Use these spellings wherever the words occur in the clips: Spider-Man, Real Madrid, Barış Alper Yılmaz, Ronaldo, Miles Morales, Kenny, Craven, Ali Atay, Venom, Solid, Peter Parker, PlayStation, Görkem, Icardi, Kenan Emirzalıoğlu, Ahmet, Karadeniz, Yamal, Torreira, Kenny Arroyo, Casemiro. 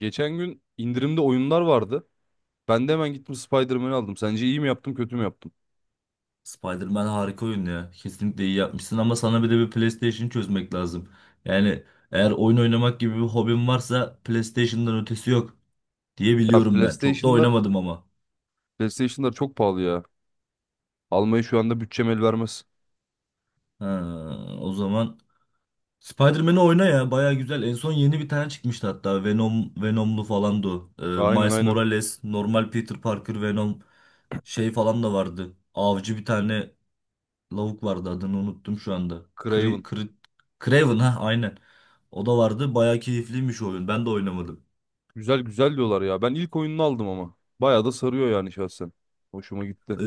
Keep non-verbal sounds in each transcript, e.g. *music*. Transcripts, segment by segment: Geçen gün indirimde oyunlar vardı. Ben de hemen gittim, Spider-Man'i aldım. Sence iyi mi yaptım, kötü mü yaptım? Spider-Man harika oyun ya. Kesinlikle iyi yapmışsın ama sana bir de bir PlayStation çözmek lazım. Yani eğer oyun oynamak gibi bir hobin varsa PlayStation'dan ötesi yok diye Ya biliyorum ben. Çok da PlayStation'lar, oynamadım ama. PlayStation'lar çok pahalı ya. Almayı şu anda bütçem el vermez. Ha, o zaman Spider-Man'i oyna ya. Baya güzel. En son yeni bir tane çıkmıştı hatta. Venom, Venom'lu falandı o. Aynen Miles aynen. Morales, normal Peter Parker, Venom şey falan da vardı. Avcı bir tane lavuk vardı adını unuttum şu anda. Craven. Craven ha aynen. O da vardı. Bayağı keyifliymiş o oyun. Ben de oynamadım. Güzel güzel diyorlar ya. Ben ilk oyununu aldım ama. Bayağı da sarıyor yani şahsen. Hoşuma gitti. E,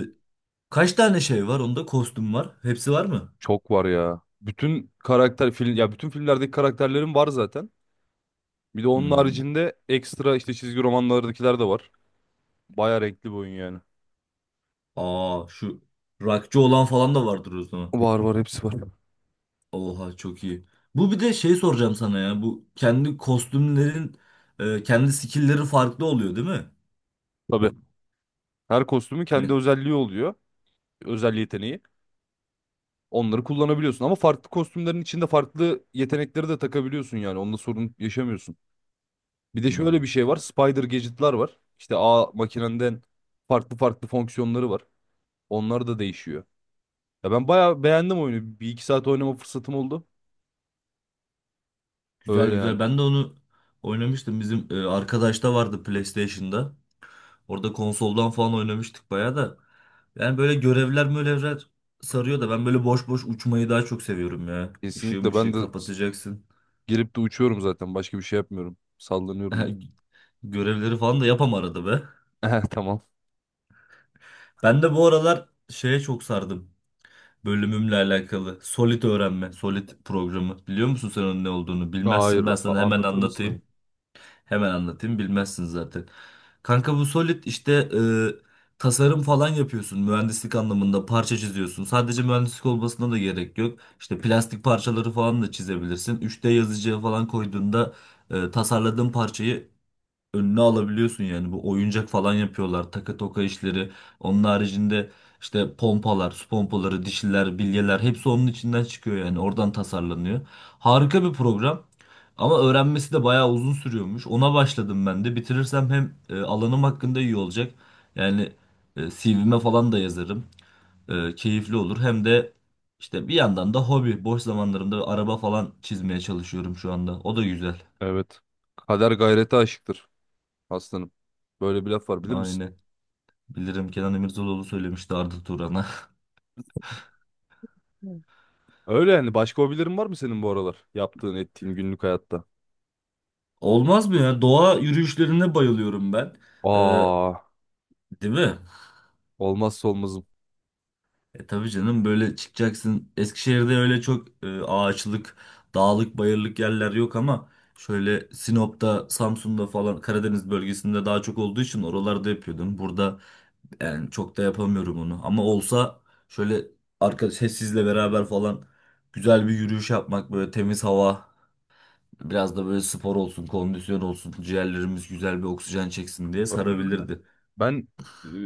Kaç tane şey var? Onda kostüm var. Hepsi var mı? Çok var ya. Bütün karakter film ya bütün filmlerdeki karakterlerim var zaten. Bir de onun Hmm. haricinde ekstra işte çizgi romanlardakiler de var. Bayağı renkli bir oyun yani. Aa şu rockçı olan falan da vardır o zaman. Var var hepsi var. Oha çok iyi. Bu bir de şey soracağım sana ya. Bu kendi kostümlerin kendi skill'leri farklı oluyor değil mi? Tabii. Her kostümün kendi Ben, özelliği oluyor. Özel yeteneği. Onları kullanabiliyorsun ama farklı kostümlerin içinde farklı yetenekleri de takabiliyorsun yani. Onunla sorun yaşamıyorsun. Bir de şöyle bir Hmm. şey var. Spider gadget'lar var. İşte ağ makinenden farklı farklı fonksiyonları var. Onlar da değişiyor. Ya ben bayağı beğendim oyunu. Bir iki saat oynama fırsatım oldu. Güzel Öyle yani. güzel. Ben de onu oynamıştım. Bizim arkadaş da vardı PlayStation'da. Orada konsoldan falan oynamıştık bayağı da. Yani böyle görevler mölevler sarıyor da ben böyle boş boş uçmayı daha çok seviyorum ya. Işığı Kesinlikle ben mışığı de kapatacaksın. gelip de uçuyorum zaten. Başka bir şey yapmıyorum. Sallanıyorum. *laughs* Görevleri falan da yapam arada be. *laughs* Tamam. Ben de bu aralar şeye çok sardım. Bölümümle alakalı. Solid öğrenme, Solid programı. Biliyor musun sen onun ne olduğunu? Hayır, Bilmezsin. Ben sana hemen anlatır anlatayım. mısın? Hemen anlatayım bilmezsin zaten. Kanka bu Solid işte tasarım falan yapıyorsun mühendislik anlamında parça çiziyorsun. Sadece mühendislik olmasına da gerek yok. İşte plastik parçaları falan da çizebilirsin. 3D yazıcıya falan koyduğunda tasarladığın parçayı önüne alabiliyorsun, yani bu oyuncak falan yapıyorlar taka toka işleri. Onun haricinde işte pompalar, su pompaları, dişiler, bilyeler hepsi onun içinden çıkıyor, yani oradan tasarlanıyor. Harika bir program, ama öğrenmesi de bayağı uzun sürüyormuş. Ona başladım ben de, bitirirsem hem alanım hakkında iyi olacak, yani CV'me falan da yazarım. Keyifli olur hem de. İşte bir yandan da hobi, boş zamanlarımda araba falan çizmeye çalışıyorum şu anda, o da güzel. Evet. Kader gayrete aşıktır aslanım. Böyle bir laf var bilir misin? Aynen. Bilirim, Kenan Emirzalıoğlu söylemişti Arda Turan'a. Öyle yani. Başka hobilerin var mı senin bu aralar? Yaptığın, ettiğin günlük hayatta. *laughs* Olmaz mı ya? Doğa yürüyüşlerine bayılıyorum ben. Ee, Aa, değil mi? olmazsa olmazım. Tabii canım, böyle çıkacaksın. Eskişehir'de öyle çok ağaçlık, dağlık, bayırlık yerler yok ama şöyle Sinop'ta, Samsun'da falan Karadeniz bölgesinde daha çok olduğu için oralarda yapıyordum. Burada yani çok da yapamıyorum onu. Ama olsa şöyle, arkadaş sizle beraber falan güzel bir yürüyüş yapmak, böyle temiz hava. Biraz da böyle spor olsun, kondisyon olsun, ciğerlerimiz güzel bir oksijen çeksin diye Öyle öyle. sarabilirdi. Ben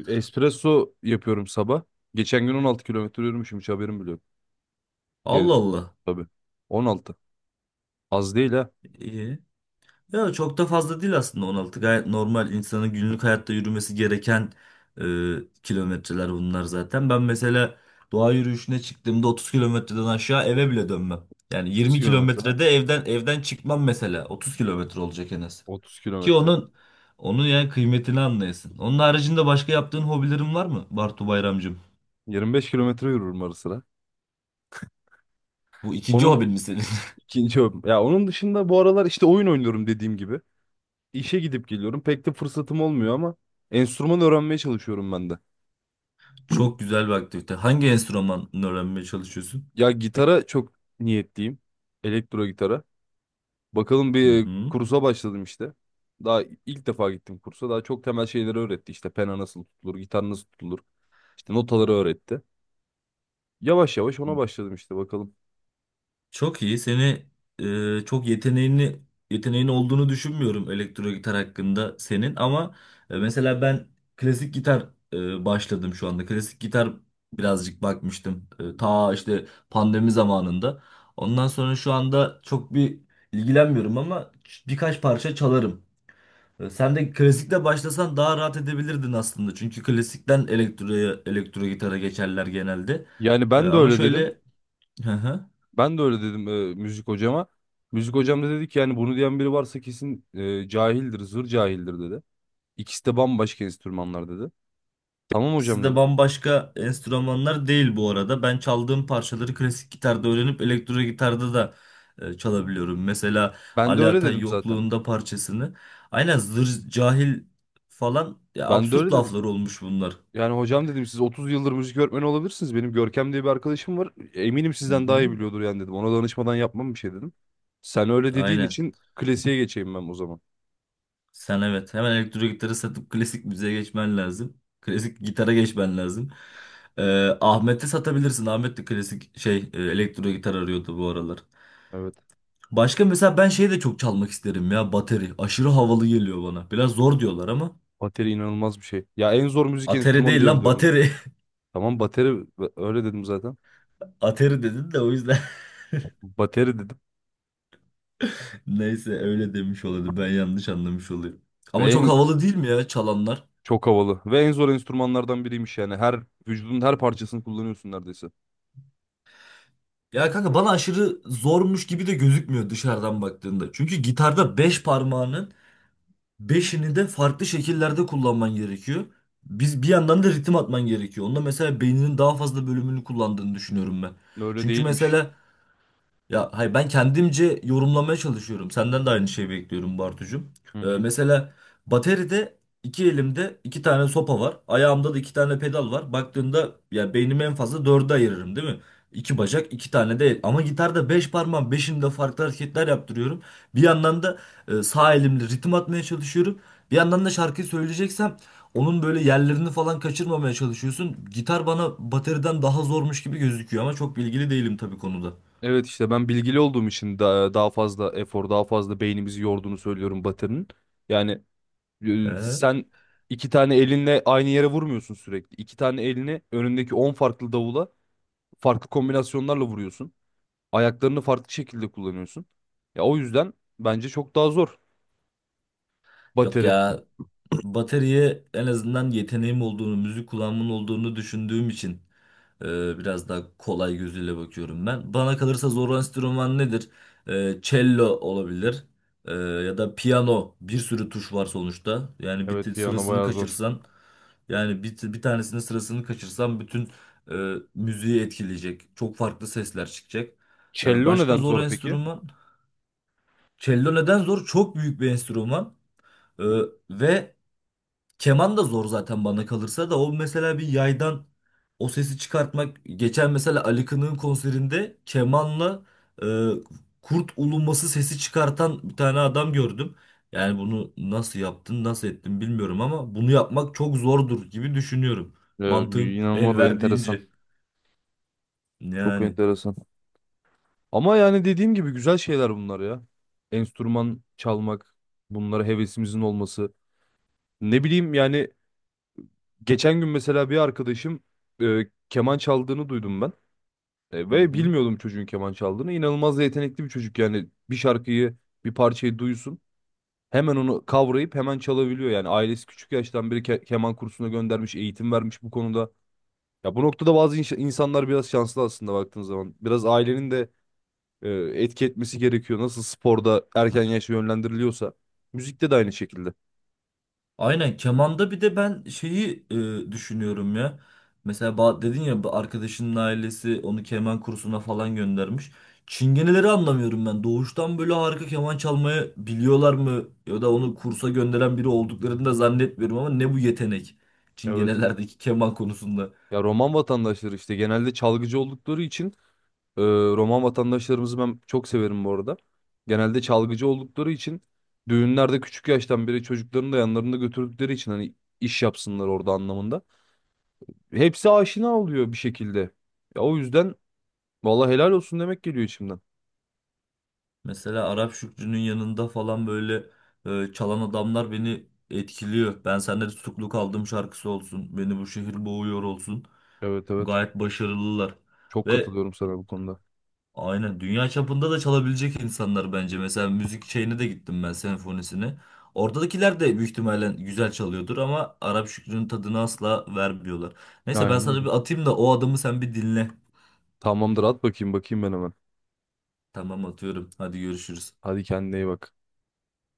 espresso yapıyorum sabah. Geçen gün 16 kilometre yürümüşüm. Hiç haberim bile yok. Geri Allah dön. Allah. Tabii. 16. Az değil ha. İyi. Ya çok da fazla değil aslında 16. Gayet normal insanın günlük hayatta yürümesi gereken kilometreler bunlar zaten. Ben mesela doğa yürüyüşüne çıktığımda 30 kilometreden aşağı eve bile dönmem. Yani 30 20 kilometre ha. kilometrede evden çıkmam mesela. 30 kilometre olacak en az. 30 Ki kilometre. onun yani kıymetini anlayasın. Onun haricinde başka yaptığın hobilerin var mı Bartu Bayramcığım? 25 kilometre yürürüm ara sıra. Bu ikinci Onun hobin mi senin? ikinci hobim. Ya onun dışında bu aralar işte oyun oynuyorum dediğim gibi. İşe gidip geliyorum. Pek de fırsatım olmuyor ama enstrüman öğrenmeye çalışıyorum ben de. Çok güzel bir aktivite. Hangi enstrümanı öğrenmeye çalışıyorsun? Ya gitara çok niyetliyim. Elektro gitara. Bakalım, Hı bir hı. kursa başladım işte. Daha ilk defa gittim kursa. Daha çok temel şeyleri öğretti. İşte pena nasıl tutulur, gitar nasıl tutulur. İşte notaları öğretti. Yavaş yavaş ona başladım işte bakalım. Çok iyi. Seni çok yeteneğin olduğunu düşünmüyorum elektro gitar hakkında senin, ama mesela ben klasik gitar başladım şu anda. Klasik gitar birazcık bakmıştım. Ta işte pandemi zamanında. Ondan sonra şu anda çok bir ilgilenmiyorum ama birkaç parça çalarım. Sen de klasikle başlasan daha rahat edebilirdin aslında. Çünkü klasikten elektro gitara geçerler genelde. Yani ben de Ama öyle dedim. şöyle, hı hı. Ben de öyle dedim müzik hocama. Müzik hocam da dedi ki yani bunu diyen biri varsa kesin cahildir, zır cahildir dedi. İkisi de bambaşka enstrümanlar dedi. Tamam ikisi hocam de dedim. bambaşka enstrümanlar değil bu arada. Ben çaldığım parçaları klasik gitarda öğrenip elektro gitarda da çalabiliyorum. Mesela Ben de Ali öyle Atay dedim zaten. yokluğunda parçasını. Aynen, zır cahil falan ya, Ben de absürt öyle dedim. laflar olmuş bunlar. Yani hocam dedim siz 30 yıldır müzik öğretmeni olabilirsiniz. Benim Görkem diye bir arkadaşım var. Eminim Hı sizden daha iyi hı. biliyordur yani dedim. Ona danışmadan yapmam bir şey dedim. Sen öyle dediğin Aynen. için klasiğe geçeyim ben o zaman. Sen evet, hemen elektro gitarı satıp klasik müziğe geçmen lazım. Klasik gitara geçmen lazım. Ahmet'e satabilirsin. Ahmet de klasik şey elektro gitar arıyordu bu aralar. Evet. Başka mesela ben şeyi de çok çalmak isterim ya, bateri. Aşırı havalı geliyor bana. Biraz zor diyorlar ama. Bateri inanılmaz bir şey. Ya en zor müzik Ateri enstrümanı değil diye lan, biliyorum ben. bateri. Tamam, bateri öyle dedim zaten. *laughs* Ateri dedin de o yüzden. Bateri dedim. *laughs* Neyse öyle demiş oluyordu. Ben yanlış anlamış oluyorum. Ama Ve çok en havalı değil mi ya çalanlar? çok havalı. Ve en zor enstrümanlardan biriymiş yani. Her vücudun her parçasını kullanıyorsun neredeyse. Ya kanka bana aşırı zormuş gibi de gözükmüyor dışarıdan baktığında. Çünkü gitarda 5 parmağının beşini de farklı şekillerde kullanman gerekiyor. Biz bir yandan da ritim atman gerekiyor. Onda mesela beyninin daha fazla bölümünü kullandığını düşünüyorum ben. Öyle Çünkü değilmiş. mesela, ya hayır, ben kendimce yorumlamaya çalışıyorum. Senden de aynı şeyi bekliyorum Bartucuğum. Hı hı. Mesela bateride iki elimde iki tane sopa var. Ayağımda da iki tane pedal var. Baktığında ya beynimi en fazla dörde ayırırım değil mi? İki bacak, iki tane de el. Ama gitarda beş parmağım beşinde farklı hareketler yaptırıyorum. Bir yandan da sağ elimle ritim atmaya çalışıyorum. Bir yandan da şarkıyı söyleyeceksem onun böyle yerlerini falan kaçırmamaya çalışıyorsun. Gitar bana bateriden daha zormuş gibi gözüküyor, ama çok bilgili değilim tabii konuda. Evet işte ben bilgili olduğum için daha, daha fazla efor, daha fazla beynimizi yorduğunu söylüyorum batının. Yani Ee? sen iki tane elinle aynı yere vurmuyorsun sürekli. İki tane elini önündeki 10 farklı davula farklı kombinasyonlarla vuruyorsun. Ayaklarını farklı şekilde kullanıyorsun. Ya o yüzden bence çok daha zor Yok bateri. ya, bataryaya en azından yeteneğim olduğunu, müzik kulağımın olduğunu düşündüğüm için biraz daha kolay gözüyle bakıyorum ben. Bana kalırsa zor enstrüman nedir? Cello olabilir. Ya da piyano. Bir sürü tuş var sonuçta. Yani bir Evet piyano sırasını bayağı zor. kaçırsan, yani bir tanesinin sırasını kaçırsan bütün müziği etkileyecek. Çok farklı sesler çıkacak. Cello Başka neden zor zor peki? enstrüman? Cello neden zor? Çok büyük bir enstrüman. E, Ve keman da zor zaten bana kalırsa, da o mesela bir yaydan o sesi çıkartmak. Geçen mesela Ali Kınık'ın konserinde kemanla e, kurt uluması sesi çıkartan bir tane adam gördüm. Yani bunu nasıl yaptın, nasıl ettin bilmiyorum, ama bunu yapmak çok zordur gibi düşünüyorum. Ee, Mantığım inanılmaz el enteresan. verdiğince. Çok Yani. enteresan. Ama yani dediğim gibi güzel şeyler bunlar ya. Enstrüman çalmak, bunlara hevesimizin olması. Ne bileyim yani geçen gün mesela bir arkadaşım keman çaldığını duydum ben. E, Hı ve hı. bilmiyordum çocuğun keman çaldığını. İnanılmaz da yetenekli bir çocuk, yani bir şarkıyı, bir parçayı duysun. Hemen onu kavrayıp hemen çalabiliyor. Yani ailesi küçük yaştan beri keman kursuna göndermiş, eğitim vermiş bu konuda. Ya bu noktada bazı insanlar biraz şanslı aslında baktığın zaman. Biraz ailenin de e, etki etmesi gerekiyor. Nasıl sporda erken yaşa yönlendiriliyorsa müzikte de aynı şekilde. Aynen, kemanda bir de ben şeyi düşünüyorum ya. Mesela dedin ya, bu arkadaşının ailesi onu keman kursuna falan göndermiş. Çingeneleri anlamıyorum ben. Doğuştan böyle harika keman çalmayı biliyorlar mı? Ya da onu kursa gönderen biri olduklarını da zannetmiyorum, ama ne bu yetenek? Evet. Çingenelerdeki *laughs* keman konusunda. Ya Roman vatandaşları işte genelde çalgıcı oldukları için e, Roman vatandaşlarımızı ben çok severim bu arada. Genelde çalgıcı oldukları için düğünlerde küçük yaştan beri çocuklarını da yanlarında götürdükleri için hani iş yapsınlar orada anlamında. Hepsi aşina oluyor bir şekilde. Ya o yüzden vallahi helal olsun demek geliyor içimden. Mesela Arap Şükrü'nün yanında falan böyle çalan adamlar beni etkiliyor. Ben Senden Tutuklu Kaldım şarkısı olsun, Beni Bu Şehir Boğuyor olsun. Evet evet. Gayet başarılılar. Çok Ve katılıyorum sana bu konuda. aynen dünya çapında da çalabilecek insanlar bence. Mesela müzik şeyine de gittim ben, senfonisine. Oradakiler de büyük ihtimalle güzel çalıyordur ama Arap Şükrü'nün tadını asla vermiyorlar. Neyse ben Aynen sana öyle. bir atayım da o adamı sen bir dinle. Tamamdır, at bakayım bakayım ben hemen. Tamam atıyorum. Hadi görüşürüz. Hadi kendine iyi bak.